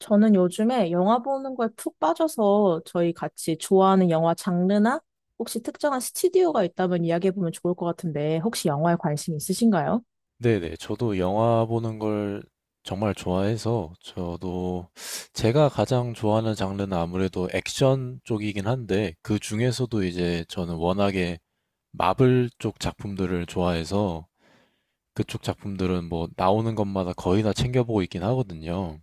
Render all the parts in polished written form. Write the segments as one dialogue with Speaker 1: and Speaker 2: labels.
Speaker 1: 저는 요즘에 영화 보는 거에 푹 빠져서 저희 같이 좋아하는 영화 장르나 혹시 특정한 스튜디오가 있다면 이야기해보면 좋을 것 같은데 혹시 영화에 관심 있으신가요?
Speaker 2: 네네. 저도 영화 보는 걸 정말 좋아해서 저도 제가 가장 좋아하는 장르는 아무래도 액션 쪽이긴 한데 그 중에서도 이제 저는 워낙에 마블 쪽 작품들을 좋아해서 그쪽 작품들은 뭐 나오는 것마다 거의 다 챙겨보고 있긴 하거든요.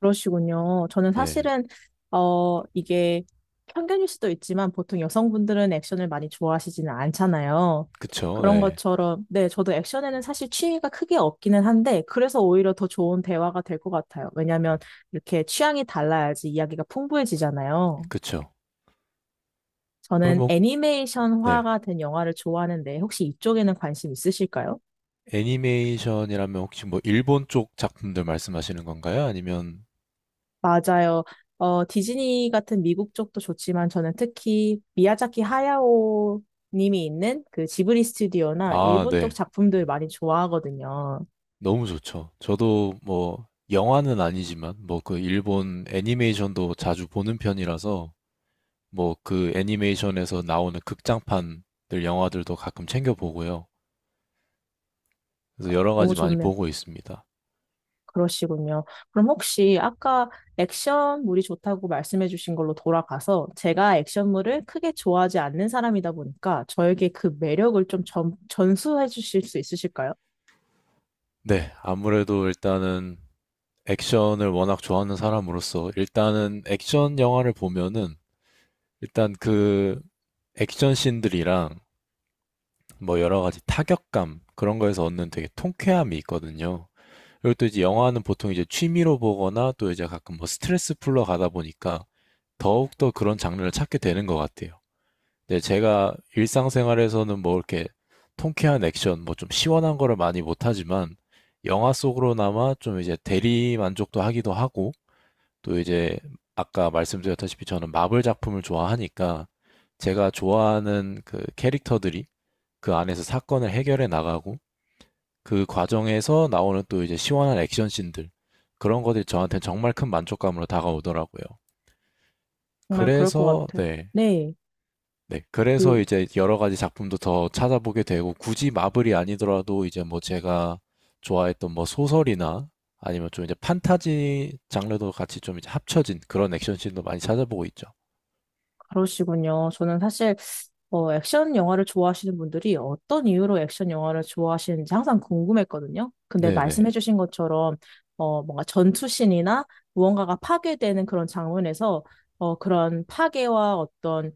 Speaker 1: 그러시군요. 저는
Speaker 2: 네.
Speaker 1: 사실은, 이게 편견일 수도 있지만 보통 여성분들은 액션을 많이 좋아하시지는 않잖아요.
Speaker 2: 그쵸.
Speaker 1: 그런
Speaker 2: 네.
Speaker 1: 것처럼, 네, 저도 액션에는 사실 취미가 크게 없기는 한데, 그래서 오히려 더 좋은 대화가 될 것 같아요. 왜냐하면 이렇게 취향이 달라야지 이야기가 풍부해지잖아요.
Speaker 2: 그쵸. 그럼
Speaker 1: 저는
Speaker 2: 뭐, 네.
Speaker 1: 애니메이션화가 된 영화를 좋아하는데, 혹시 이쪽에는 관심 있으실까요?
Speaker 2: 애니메이션이라면 혹시 뭐 일본 쪽 작품들 말씀하시는 건가요? 아니면,
Speaker 1: 맞아요. 디즈니 같은 미국 쪽도 좋지만, 저는 특히 미야자키 하야오 님이 있는 그 지브리 스튜디오나
Speaker 2: 아,
Speaker 1: 일본
Speaker 2: 네.
Speaker 1: 쪽 작품들 많이 좋아하거든요.
Speaker 2: 너무 좋죠. 저도 뭐 영화는 아니지만 뭐 그 일본 애니메이션도 자주 보는 편이라서 뭐 그 애니메이션에서 나오는 극장판들 영화들도 가끔 챙겨 보고요. 그래서 여러 가지
Speaker 1: 너무
Speaker 2: 많이
Speaker 1: 좋네요.
Speaker 2: 보고 있습니다.
Speaker 1: 그러시군요. 그럼 혹시 아까 액션물이 좋다고 말씀해 주신 걸로 돌아가서, 제가 액션물을 크게 좋아하지 않는 사람이다 보니까 저에게 그 매력을 좀 전수해 주실 수 있으실까요?
Speaker 2: 네, 아무래도 일단은 액션을 워낙 좋아하는 사람으로서 일단은 액션 영화를 보면은 일단 그 액션 씬들이랑 뭐 여러 가지 타격감 그런 거에서 얻는 되게 통쾌함이 있거든요. 그리고 또 이제 영화는 보통 이제 취미로 보거나 또 이제 가끔 뭐 스트레스 풀러 가다 보니까 더욱더 그런 장르를 찾게 되는 것 같아요. 근데 제가 일상생활에서는 뭐 이렇게 통쾌한 액션, 뭐 좀 시원한 거를 많이 못하지만 영화 속으로나마 좀 이제 대리 만족도 하기도 하고 또 이제 아까 말씀드렸다시피 저는 마블 작품을 좋아하니까 제가 좋아하는 그 캐릭터들이 그 안에서 사건을 해결해 나가고 그 과정에서 나오는 또 이제 시원한 액션 씬들 그런 것들이 저한테 정말 큰 만족감으로 다가오더라고요.
Speaker 1: 정말 그럴 것
Speaker 2: 그래서
Speaker 1: 같아.
Speaker 2: 네.
Speaker 1: 네.
Speaker 2: 네. 그래서
Speaker 1: 그,
Speaker 2: 이제 여러 가지 작품도 더 찾아보게 되고 굳이 마블이 아니더라도 이제 뭐 제가 좋아했던 뭐 소설이나 아니면 좀 이제 판타지 장르도 같이 좀 이제 합쳐진 그런 액션 씬도 많이 찾아보고 있죠.
Speaker 1: 그러시군요. 저는 사실 액션 영화를 좋아하시는 분들이 어떤 이유로 액션 영화를 좋아하시는지 항상 궁금했거든요. 근데
Speaker 2: 네네.
Speaker 1: 말씀해주신 것처럼, 뭔가 전투신이나 무언가가 파괴되는 그런 장면에서, 그런 파괴와 어떤,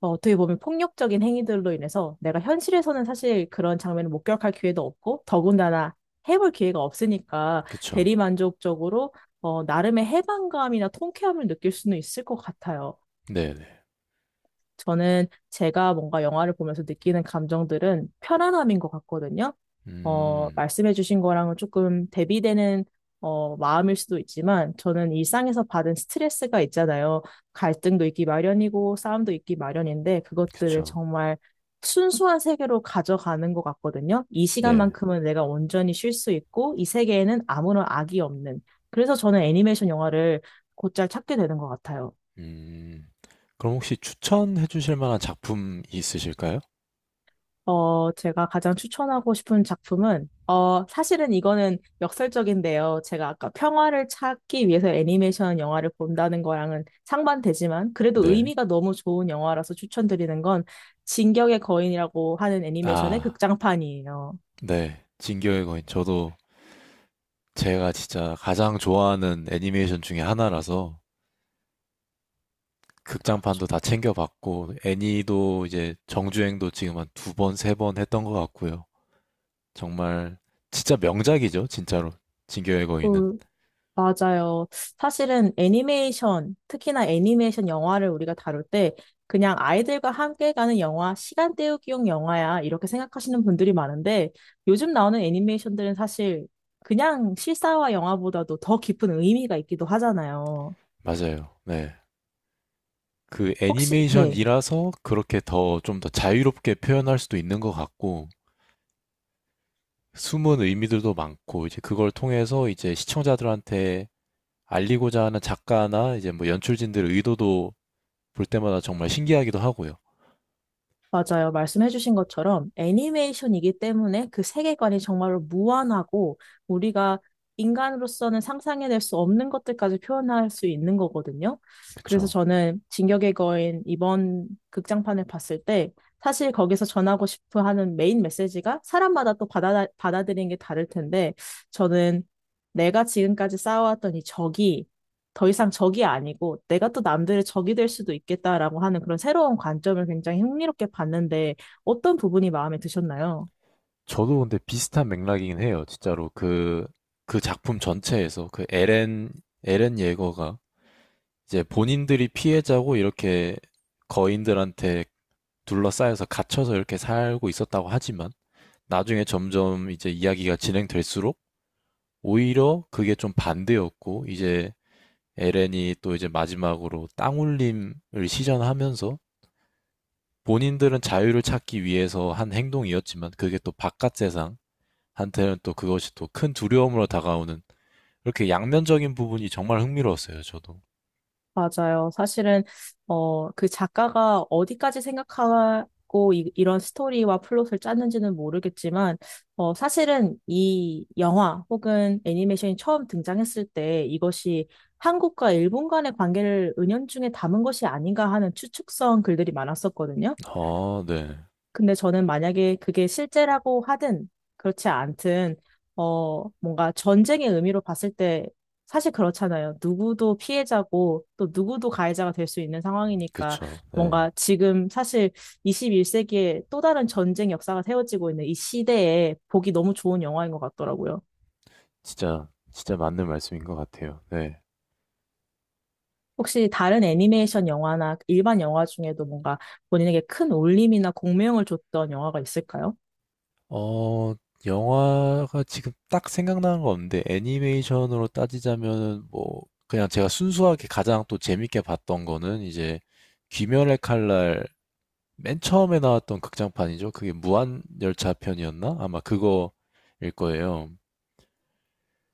Speaker 1: 어떻게 보면 폭력적인 행위들로 인해서 내가 현실에서는 사실 그런 장면을 목격할 기회도 없고, 더군다나 해볼 기회가 없으니까
Speaker 2: 그쵸.
Speaker 1: 대리만족적으로 나름의 해방감이나 통쾌함을 느낄 수는 있을 것 같아요.
Speaker 2: 네네.
Speaker 1: 저는 제가 뭔가 영화를 보면서 느끼는 감정들은 편안함인 것 같거든요.
Speaker 2: 음.
Speaker 1: 말씀해주신 거랑은 조금 대비되는 마음일 수도 있지만, 저는 일상에서 받은 스트레스가 있잖아요. 갈등도 있기 마련이고 싸움도 있기 마련인데, 그것들을
Speaker 2: 그쵸.
Speaker 1: 정말 순수한 세계로 가져가는 것 같거든요. 이
Speaker 2: 네.
Speaker 1: 시간만큼은 내가 온전히 쉴 수 있고, 이 세계에는 아무런 악이 없는. 그래서 저는 애니메이션 영화를 곧잘 찾게 되는 것 같아요.
Speaker 2: 음. 그럼 혹시 추천해 주실 만한 작품이 있으실까요?
Speaker 1: 제가 가장 추천하고 싶은 작품은, 사실은 이거는 역설적인데요. 제가 아까 평화를 찾기 위해서 애니메이션 영화를 본다는 거랑은 상반되지만, 그래도
Speaker 2: 네.
Speaker 1: 의미가 너무 좋은 영화라서 추천드리는 건, 진격의 거인이라고 하는 애니메이션의
Speaker 2: 아.
Speaker 1: 극장판이에요.
Speaker 2: 네. 진격의 거인. 저도 제가 진짜 가장 좋아하는 애니메이션 중에 하나라서
Speaker 1: 그렇죠.
Speaker 2: 극장판도 다 챙겨 봤고 애니도 이제 정주행도 지금 한 두 번, 세 번 했던 것 같고요. 정말 진짜 명작이죠, 진짜로. 진격의 거인은.
Speaker 1: 그 맞아요. 사실은 애니메이션, 특히나 애니메이션 영화를 우리가 다룰 때, 그냥 아이들과 함께 가는 영화, 시간 때우기용 영화야, 이렇게 생각하시는 분들이 많은데, 요즘 나오는 애니메이션들은 사실 그냥 실사화 영화보다도 더 깊은 의미가 있기도 하잖아요.
Speaker 2: 맞아요. 네. 그
Speaker 1: 혹시, 네.
Speaker 2: 애니메이션이라서 그렇게 더 좀 더 자유롭게 표현할 수도 있는 것 같고 숨은 의미들도 많고 이제 그걸 통해서 이제 시청자들한테 알리고자 하는 작가나 이제 뭐 연출진들의 의도도 볼 때마다 정말 신기하기도 하고요.
Speaker 1: 맞아요. 말씀해주신 것처럼 애니메이션이기 때문에 그 세계관이 정말로 무한하고, 우리가 인간으로서는 상상해낼 수 없는 것들까지 표현할 수 있는 거거든요. 그래서
Speaker 2: 그쵸.
Speaker 1: 저는 진격의 거인 이번 극장판을 봤을 때, 사실 거기서 전하고 싶어 하는 메인 메시지가 사람마다 또 받아들이는 게 다를 텐데, 저는 내가 지금까지 쌓아왔던 이 적이 더 이상 적이 아니고 내가 또 남들의 적이 될 수도 있겠다라고 하는 그런 새로운 관점을 굉장히 흥미롭게 봤는데, 어떤 부분이 마음에 드셨나요?
Speaker 2: 저도 근데 비슷한 맥락이긴 해요. 진짜로 그 작품 전체에서 그 에렌 예거가 이제 본인들이 피해자고 이렇게 거인들한테 둘러싸여서 갇혀서 이렇게 살고 있었다고 하지만 나중에 점점 이제 이야기가 진행될수록 오히려 그게 좀 반대였고 이제 에렌이 또 이제 마지막으로 땅울림을 시전하면서 본인들은 자유를 찾기 위해서 한 행동이었지만 그게 또 바깥 세상 한테는 또 그것이 또 큰 두려움으로 다가오는 이렇게 양면적인 부분이 정말 흥미로웠어요, 저도.
Speaker 1: 맞아요. 사실은 그 작가가 어디까지 생각하고 이런 스토리와 플롯을 짰는지는 모르겠지만, 사실은 이 영화 혹은 애니메이션이 처음 등장했을 때 이것이 한국과 일본 간의 관계를 은연중에 담은 것이 아닌가 하는 추측성 글들이 많았었거든요.
Speaker 2: 아, 네.
Speaker 1: 근데 저는 만약에 그게 실제라고 하든 그렇지 않든, 뭔가 전쟁의 의미로 봤을 때 사실 그렇잖아요. 누구도 피해자고 또 누구도 가해자가 될 수 있는 상황이니까,
Speaker 2: 그쵸. 네.
Speaker 1: 뭔가 지금 사실 21세기에 또 다른 전쟁 역사가 세워지고 있는 이 시대에 보기 너무 좋은 영화인 것 같더라고요.
Speaker 2: 진짜, 진짜 맞는 말씀인 것 같아요. 네.
Speaker 1: 혹시 다른 애니메이션 영화나 일반 영화 중에도 뭔가 본인에게 큰 울림이나 공명을 줬던 영화가 있을까요?
Speaker 2: 어, 영화가 지금 딱 생각나는 거 없는데, 애니메이션으로 따지자면은, 뭐, 그냥 제가 순수하게 가장 또 재밌게 봤던 거는, 이제, 귀멸의 칼날, 맨 처음에 나왔던 극장판이죠. 그게 무한열차 편이었나? 아마 그거일 거예요.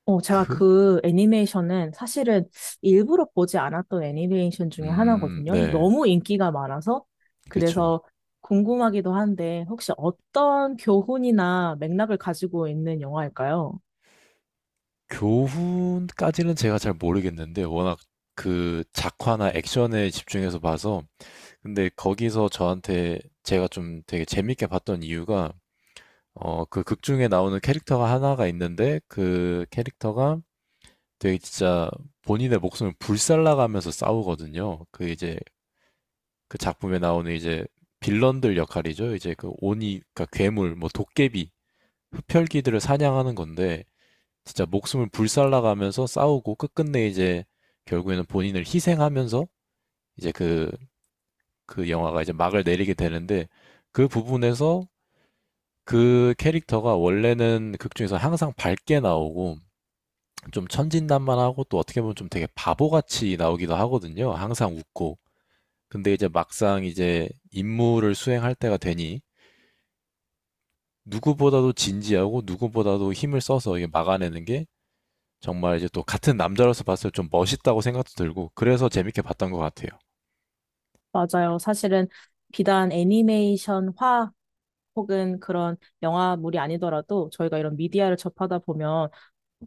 Speaker 1: 제가
Speaker 2: 그,
Speaker 1: 그 애니메이션은 사실은 일부러 보지 않았던 애니메이션 중에 하나거든요.
Speaker 2: 네.
Speaker 1: 너무 인기가 많아서.
Speaker 2: 그쵸.
Speaker 1: 그래서 궁금하기도 한데, 혹시 어떤 교훈이나 맥락을 가지고 있는 영화일까요?
Speaker 2: 교훈까지는 제가 잘 모르겠는데 워낙 그 작화나 액션에 집중해서 봐서 근데 거기서 저한테 제가 좀 되게 재밌게 봤던 이유가 그 극 중에 나오는 캐릭터가 하나가 있는데 그 캐릭터가 되게 진짜 본인의 목숨을 불살라가면서 싸우거든요. 그 이제 그 작품에 나오는 이제 빌런들 역할이죠. 이제 그 오니 그러니까 괴물 뭐 도깨비, 흡혈귀들을 사냥하는 건데 진짜 목숨을 불살라가면서 싸우고 끝끝내 이제 결국에는 본인을 희생하면서 이제 그, 그 영화가 이제 막을 내리게 되는데 그 부분에서 그 캐릭터가 원래는 극 중에서 항상 밝게 나오고 좀 천진난만하고 또 어떻게 보면 좀 되게 바보같이 나오기도 하거든요. 항상 웃고. 근데 이제 막상 이제 임무를 수행할 때가 되니 누구보다도 진지하고 누구보다도 힘을 써서 이게 막아내는 게 정말 이제 또 같은 남자로서 봤을 때 좀 멋있다고 생각도 들고 그래서 재밌게 봤던 것 같아요.
Speaker 1: 맞아요. 사실은 비단 애니메이션화 혹은 그런 영화물이 아니더라도 저희가 이런 미디어를 접하다 보면,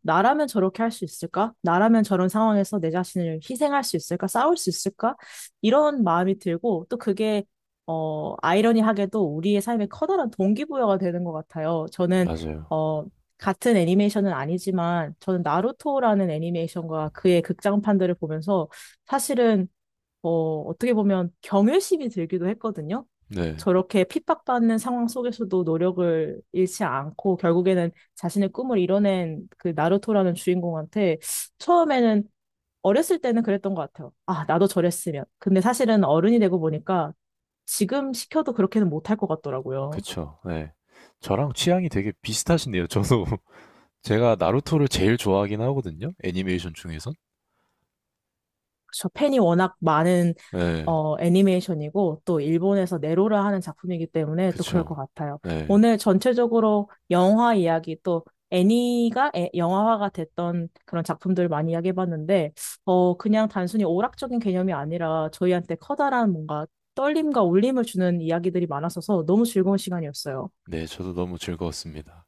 Speaker 1: 나라면 저렇게 할 수 있을까? 나라면 저런 상황에서 내 자신을 희생할 수 있을까? 싸울 수 있을까? 이런 마음이 들고, 또 그게 아이러니하게도 우리의 삶에 커다란 동기부여가 되는 것 같아요. 저는
Speaker 2: 맞아요.
Speaker 1: 어 같은 애니메이션은 아니지만, 저는 나루토라는 애니메이션과 그의 극장판들을 보면서 사실은 어떻게 보면 경외심이 들기도 했거든요.
Speaker 2: 네.
Speaker 1: 저렇게 핍박받는 상황 속에서도 노력을 잃지 않고 결국에는 자신의 꿈을 이뤄낸 그 나루토라는 주인공한테, 처음에는, 어렸을 때는 그랬던 것 같아요. 아, 나도 저랬으면. 근데 사실은 어른이 되고 보니까 지금 시켜도 그렇게는 못할 것 같더라고요.
Speaker 2: 그쵸. 네. 저랑 취향이 되게 비슷하시네요. 저도 제가 나루토를 제일 좋아하긴 하거든요. 애니메이션 중에선.
Speaker 1: 저, 팬이 워낙 많은
Speaker 2: 네.
Speaker 1: 애니메이션이고 또 일본에서 네로라 하는 작품이기 때문에 또 그럴 것
Speaker 2: 그쵸.
Speaker 1: 같아요.
Speaker 2: 네.
Speaker 1: 오늘 전체적으로 영화 이야기 또 애니가 영화화가 됐던 그런 작품들 많이 이야기해봤는데, 그냥 단순히 오락적인 개념이 아니라 저희한테 커다란 뭔가 떨림과 울림을 주는 이야기들이 많았어서 너무 즐거운 시간이었어요.
Speaker 2: 네, 저도 너무 즐거웠습니다.